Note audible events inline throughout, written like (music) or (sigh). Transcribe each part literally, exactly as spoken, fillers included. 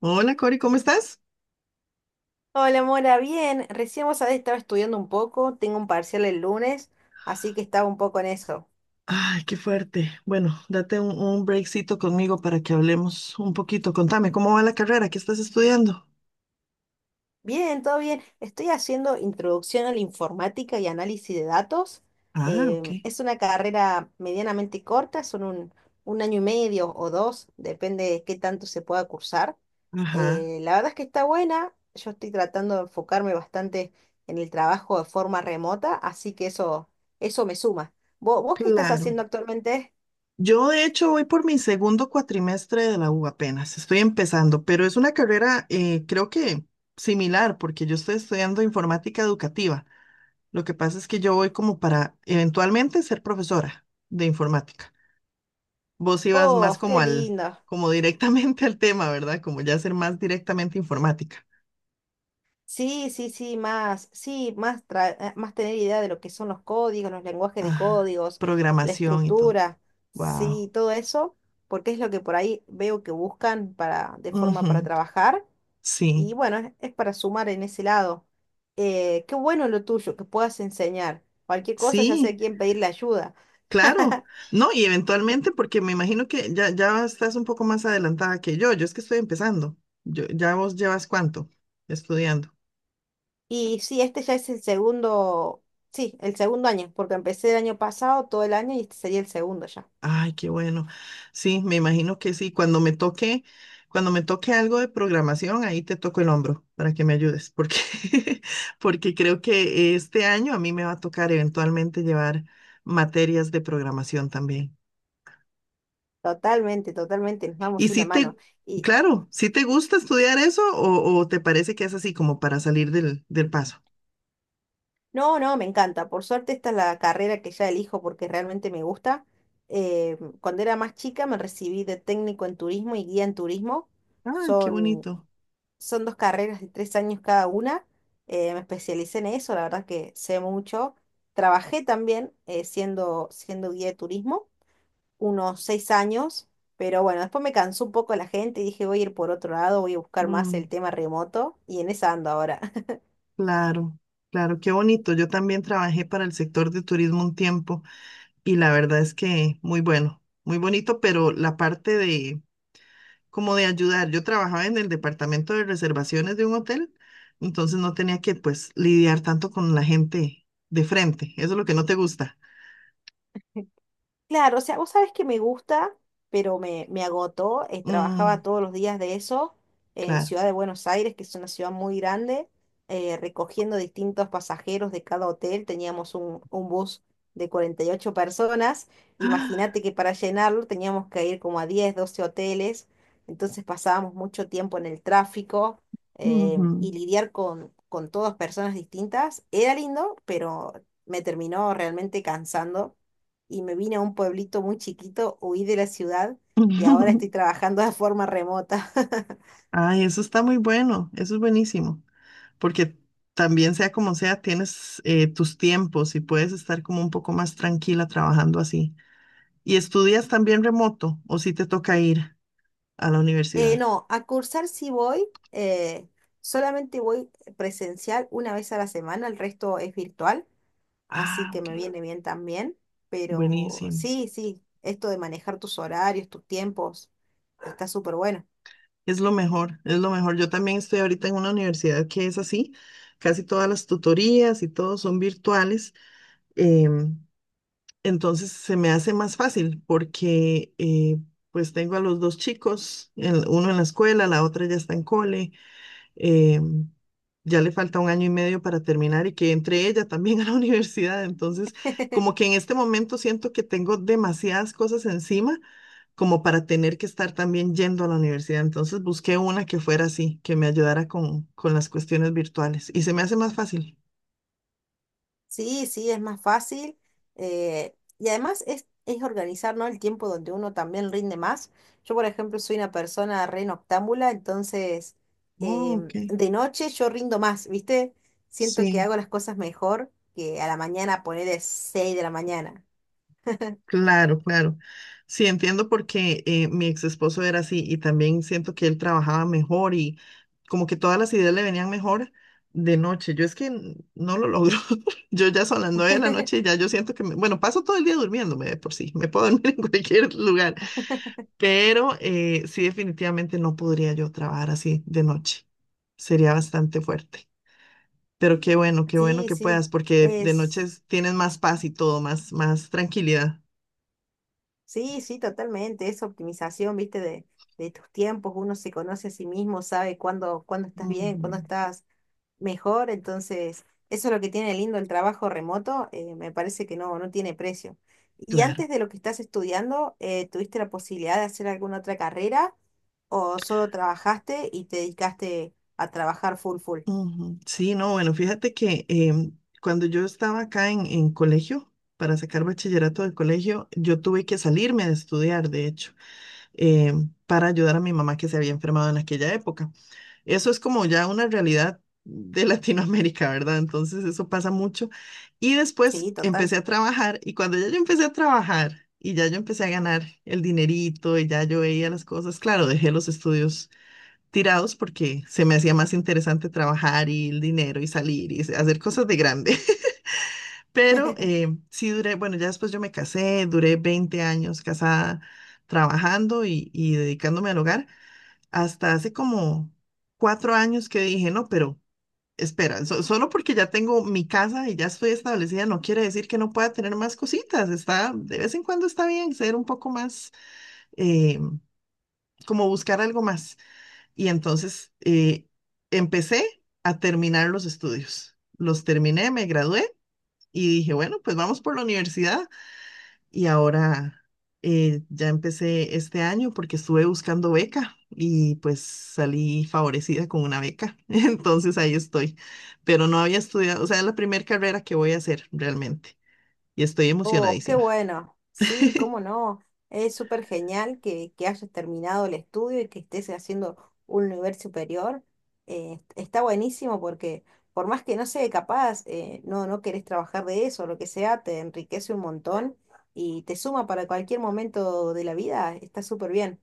Hola Cori, ¿cómo estás? Hola, Mora, bien. Recién vos sabés, estaba estudiando un poco, tengo un parcial el lunes, así que estaba un poco en eso. Ay, qué fuerte. Bueno, date un, un breakcito conmigo para que hablemos un poquito. Contame, ¿cómo va la carrera? ¿Qué estás estudiando? Bien, todo bien. Estoy haciendo introducción a la informática y análisis de datos. Ah, ok. Em, es una carrera medianamente corta, son un, un año y medio o dos, depende de qué tanto se pueda cursar. Ajá, Eh, la verdad es que está buena, yo estoy tratando de enfocarme bastante en el trabajo de forma remota, así que eso, eso me suma. ¿Vos, vos qué estás claro. haciendo actualmente? Yo de hecho voy por mi segundo cuatrimestre de la U apenas, estoy empezando, pero es una carrera eh, creo que similar porque yo estoy estudiando informática educativa. Lo que pasa es que yo voy como para eventualmente ser profesora de informática. Vos ibas Oh, más como qué al, lindo. como directamente (laughs) al tema, ¿verdad? Como ya ser más directamente informática. Sí, sí, sí, más, sí, más, tra- eh, más tener idea de lo que son los códigos, los lenguajes de Ah, códigos, la programación y todo. estructura, Wow. sí, todo eso, porque es lo que por ahí veo que buscan para, de forma para Ujú. trabajar, Sí, y bueno, es, es para sumar en ese lado. Eh, qué bueno lo tuyo, que puedas enseñar. Cualquier cosa, ya sé sí, a quién pedirle ayuda. claro. No, y eventualmente, porque me imagino que ya, ya estás un poco más adelantada que yo. Yo es que estoy empezando. Yo, ¿ya vos llevas cuánto estudiando? Y sí, este ya es el segundo, sí, el segundo año, porque empecé el año pasado, todo el año, y este sería el segundo ya. Ay, qué bueno. Sí, me imagino que sí. Cuando me toque, cuando me toque algo de programación, ahí te toco el hombro para que me ayudes, porque, (laughs) porque creo que este año a mí me va a tocar eventualmente llevar materias de programación también. Totalmente, totalmente, nos Y damos si una mano. te, Y claro, si te gusta estudiar eso o, o te parece que es así como para salir del, del paso. no, no, me encanta. Por suerte esta es la carrera que ya elijo porque realmente me gusta. Eh, cuando era más chica me recibí de técnico en turismo y guía en turismo. Ah, qué Son, bonito. son dos carreras de tres años cada una. Eh, me especialicé en eso, la verdad que sé mucho. Trabajé también eh, siendo, siendo guía de turismo unos seis años, pero bueno, después me cansó un poco la gente y dije voy a ir por otro lado, voy a buscar más Mm, el tema remoto y en esa ando ahora. claro, claro, qué bonito. Yo también trabajé para el sector de turismo un tiempo. Y la verdad es que muy bueno, muy bonito, pero la parte de como de ayudar, yo trabajaba en el departamento de reservaciones de un hotel, entonces no tenía que pues lidiar tanto con la gente de frente, eso es lo que no te gusta. Claro, o sea, vos sabés que me gusta, pero me, me agotó. eh, Mm, Trabajaba todos los días de eso en claro. Ciudad de Buenos Aires, que es una ciudad muy grande, eh, recogiendo distintos pasajeros de cada hotel. Teníamos un, un bus de cuarenta y ocho personas. Ah, Imagínate que para llenarlo teníamos que ir como a diez, doce hoteles. Entonces pasábamos mucho tiempo en el tráfico em, ujú. y lidiar con, con todas personas distintas. Era lindo, pero me terminó realmente cansando y me vine a un pueblito muy chiquito, huí de la ciudad y ahora estoy (laughs) trabajando de forma remota. (laughs) Ay, eso está muy bueno, eso es buenísimo, porque también sea como sea, tienes eh, tus tiempos y puedes estar como un poco más tranquila trabajando así. ¿Y estudias también remoto o si te toca ir? A la Eh, universidad? No, a cursar sí voy, eh, solamente voy presencial una vez a la semana, el resto es virtual, así Ah, que ok. me viene bien también, pero Buenísimo. sí, sí, esto de manejar tus horarios, tus tiempos, está súper bueno. Es lo mejor, es lo mejor. Yo también estoy ahorita en una universidad que es así. Casi todas las tutorías y todo son virtuales. em, entonces se me hace más fácil porque eh, pues tengo a los dos chicos, el- uno en la escuela, la otra ya está en cole. eh, ya le falta un año y medio para terminar y que entre ella también a la (laughs) universidad. Entonces, como (laughs) que en este momento siento que tengo demasiadas cosas encima como para tener que estar también yendo a la universidad. Entonces busqué una que fuera así, que me ayudara con, con las cuestiones virtuales y se me hace más fácil. Sí, sí, es más fácil. Eh, y además es, es organizar, ¿no? El tiempo donde uno también rinde más. Yo, por ejemplo, soy una persona re noctámbula, entonces Oh, ok. em, de noche yo rindo más, ¿viste? Siento que Sí. hago las cosas mejor que a la mañana poner de seis de la mañana. Claro, claro. Sí, entiendo porque eh, mi ex esposo era así y también siento que él trabajaba mejor y como que todas las ideas le venían mejor de noche. Yo es que n- no lo logro. (laughs) Yo ya son las nueve de la noche (laughs) y ya yo siento que, me- bueno, paso todo el día durmiéndome de por sí, me puedo (laughs) dormir en cualquier lugar, pero eh, sí definitivamente no podría yo trabajar así de noche. Sería bastante fuerte. Pero qué bueno, qué bueno Sí, que sí, puedas porque de, de noche es. tienes más paz y todo, más, más tranquilidad. Sí, sí, totalmente. Es optimización, viste, de, de tus tiempos. Uno se conoce a sí mismo, sabe cuándo, cuándo estás bien, Ujú. cuándo estás mejor. Entonces, eso es lo que tiene lindo el trabajo remoto. Eh, me parece que no, no tiene precio. ¿Y Claro. antes de lo que estás estudiando, eh, tuviste la posibilidad de hacer alguna otra carrera o solo trabajaste y te dedicaste a trabajar full full? Ujú. Sí, no, bueno, fíjate que em, cuando yo estaba acá en, en colegio, para sacar bachillerato del colegio, yo tuve que salirme de estudiar, de hecho, em, para ayudar a mi mamá que se había enfermado en aquella época. Eso es como ya una realidad de (laughs) Latinoamérica, ¿verdad? Entonces eso pasa mucho. Y después Sí, total. empecé a trabajar y cuando ya yo empecé a trabajar y ya yo empecé a ganar el dinerito y ya yo veía las cosas, claro, dejé los estudios tirados porque se me hacía más interesante trabajar y el dinero y salir y hacer cosas de grande. (laughs) Pero (laughs) eh, sí duré, bueno, ya después yo me casé, duré veinte años casada trabajando y, y dedicándome al hogar, hasta hace como cuatro años que dije, no, pero espera, so- solo porque ya tengo mi casa y ya estoy establecida, no quiere decir que no pueda tener más cositas. Está, de vez en cuando está bien ser un poco más, eh, como buscar algo más. Y entonces eh, empecé a terminar los estudios. Los terminé, me gradué y dije, bueno, pues vamos por la universidad. Y ahora eh, ya empecé este año porque estuve buscando beca y pues salí favorecida con una beca. (laughs) Entonces ahí estoy. Pero no había estudiado, o sea, es la primera carrera que voy a hacer realmente. Y estoy Oh, qué emocionadísima. bueno. Sí, cómo (laughs) no. Es súper genial que, que hayas terminado el estudio y que estés haciendo un nivel superior. Eh, está buenísimo porque por más que no sea capaz, eh, no, no querés trabajar de eso, lo que sea, te enriquece un montón y te suma para cualquier momento de la vida. Está súper bien.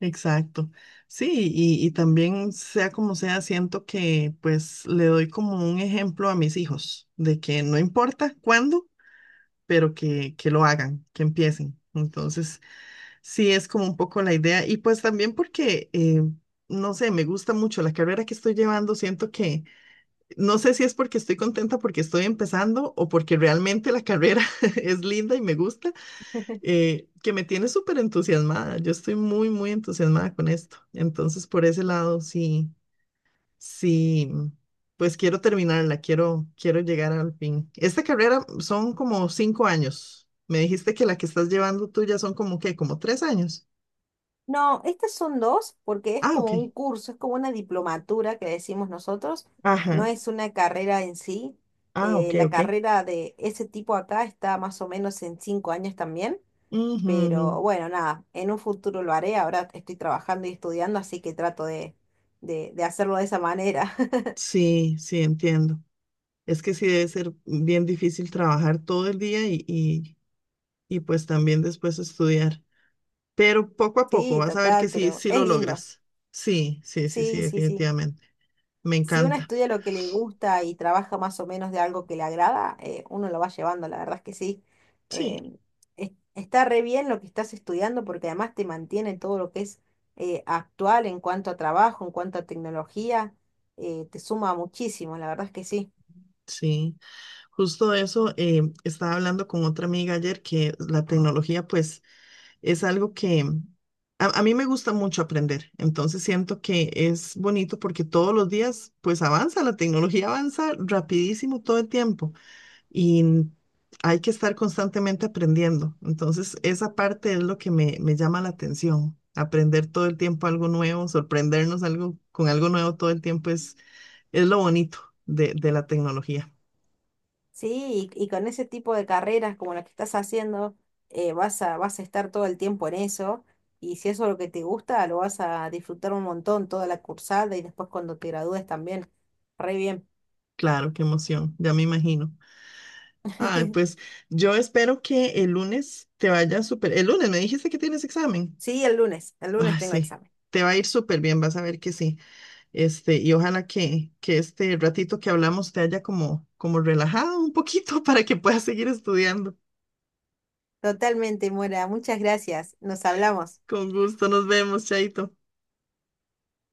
Exacto. Sí, y, y también sea como sea, siento que pues le doy como un ejemplo a mis hijos de que no importa cuándo, pero que, que lo hagan, que empiecen. Entonces, sí es como un poco la idea. Y pues también porque, eh, no sé, me gusta mucho la carrera que estoy llevando, siento que, no sé si es porque estoy contenta porque estoy empezando o porque realmente la carrera (laughs) es linda y me gusta eh, que me tiene súper entusiasmada. Yo estoy muy, muy entusiasmada con esto. Entonces, por ese lado, sí, sí, pues quiero terminarla, quiero, quiero llegar al fin. Esta carrera son como cinco años. Me dijiste que la que estás llevando tú ya son como que, como tres años. No, estas son dos porque es Ah, ok. como un curso, es como una diplomatura que decimos nosotros, no Ajá. es una carrera en sí. Ah, Eh, ok, la ok. carrera de ese tipo acá está más o menos en cinco años también, Ujú, ujú. pero bueno, nada, en un futuro lo haré, ahora estoy trabajando y estudiando, así que trato de, de, de hacerlo de esa manera. (laughs) Sí, sí, entiendo. Es que sí debe ser bien difícil trabajar todo el día y, y, y pues también después estudiar. Pero poco a poco Sí, vas a ver que total, sí, pero sí es lo lindo. logras. Sí, sí, sí, sí, Sí, sí, sí. definitivamente. Me Si uno encanta. estudia lo que le gusta y trabaja más o menos de algo que le agrada, eh, uno lo va llevando, la verdad es que sí. Eh, Sí, es- Está re bien lo que estás estudiando porque además te mantiene todo lo que es eh, actual en cuanto a trabajo, en cuanto a tecnología, eh, te suma muchísimo, la verdad es que sí. sí. Justo eso, eh, estaba hablando con otra amiga ayer que la tecnología, pues, es algo que a, a mí me gusta mucho aprender. Entonces siento que es bonito porque todos los días, pues, avanza, la tecnología avanza rapidísimo todo el tiempo. Y hay que estar constantemente aprendiendo. Entonces, esa parte es lo que me, me llama la atención. Aprender todo el tiempo algo nuevo, sorprendernos algo, con algo nuevo todo el tiempo es, es lo bonito de, de la tecnología. Sí, y, y con ese tipo de carreras como la que estás haciendo, eh, vas a, vas a estar todo el tiempo en eso. Y si eso es lo que te gusta, lo vas a disfrutar un montón toda la cursada y después cuando te gradúes también. Re bien. Claro, qué emoción, ya me imagino. Ah, pues (laughs) yo espero que el lunes te vaya súper. El lunes me dijiste que tienes examen. Sí, el lunes, el lunes Ah, tengo sí, examen. te va a ir súper bien, vas a ver que sí. Este, y ojalá que, que este ratito que hablamos te haya como, como relajado un poquito (laughs) para que puedas seguir estudiando. Totalmente, Mora. Muchas gracias. Nos hablamos. Con gusto, nos vemos, Chaito.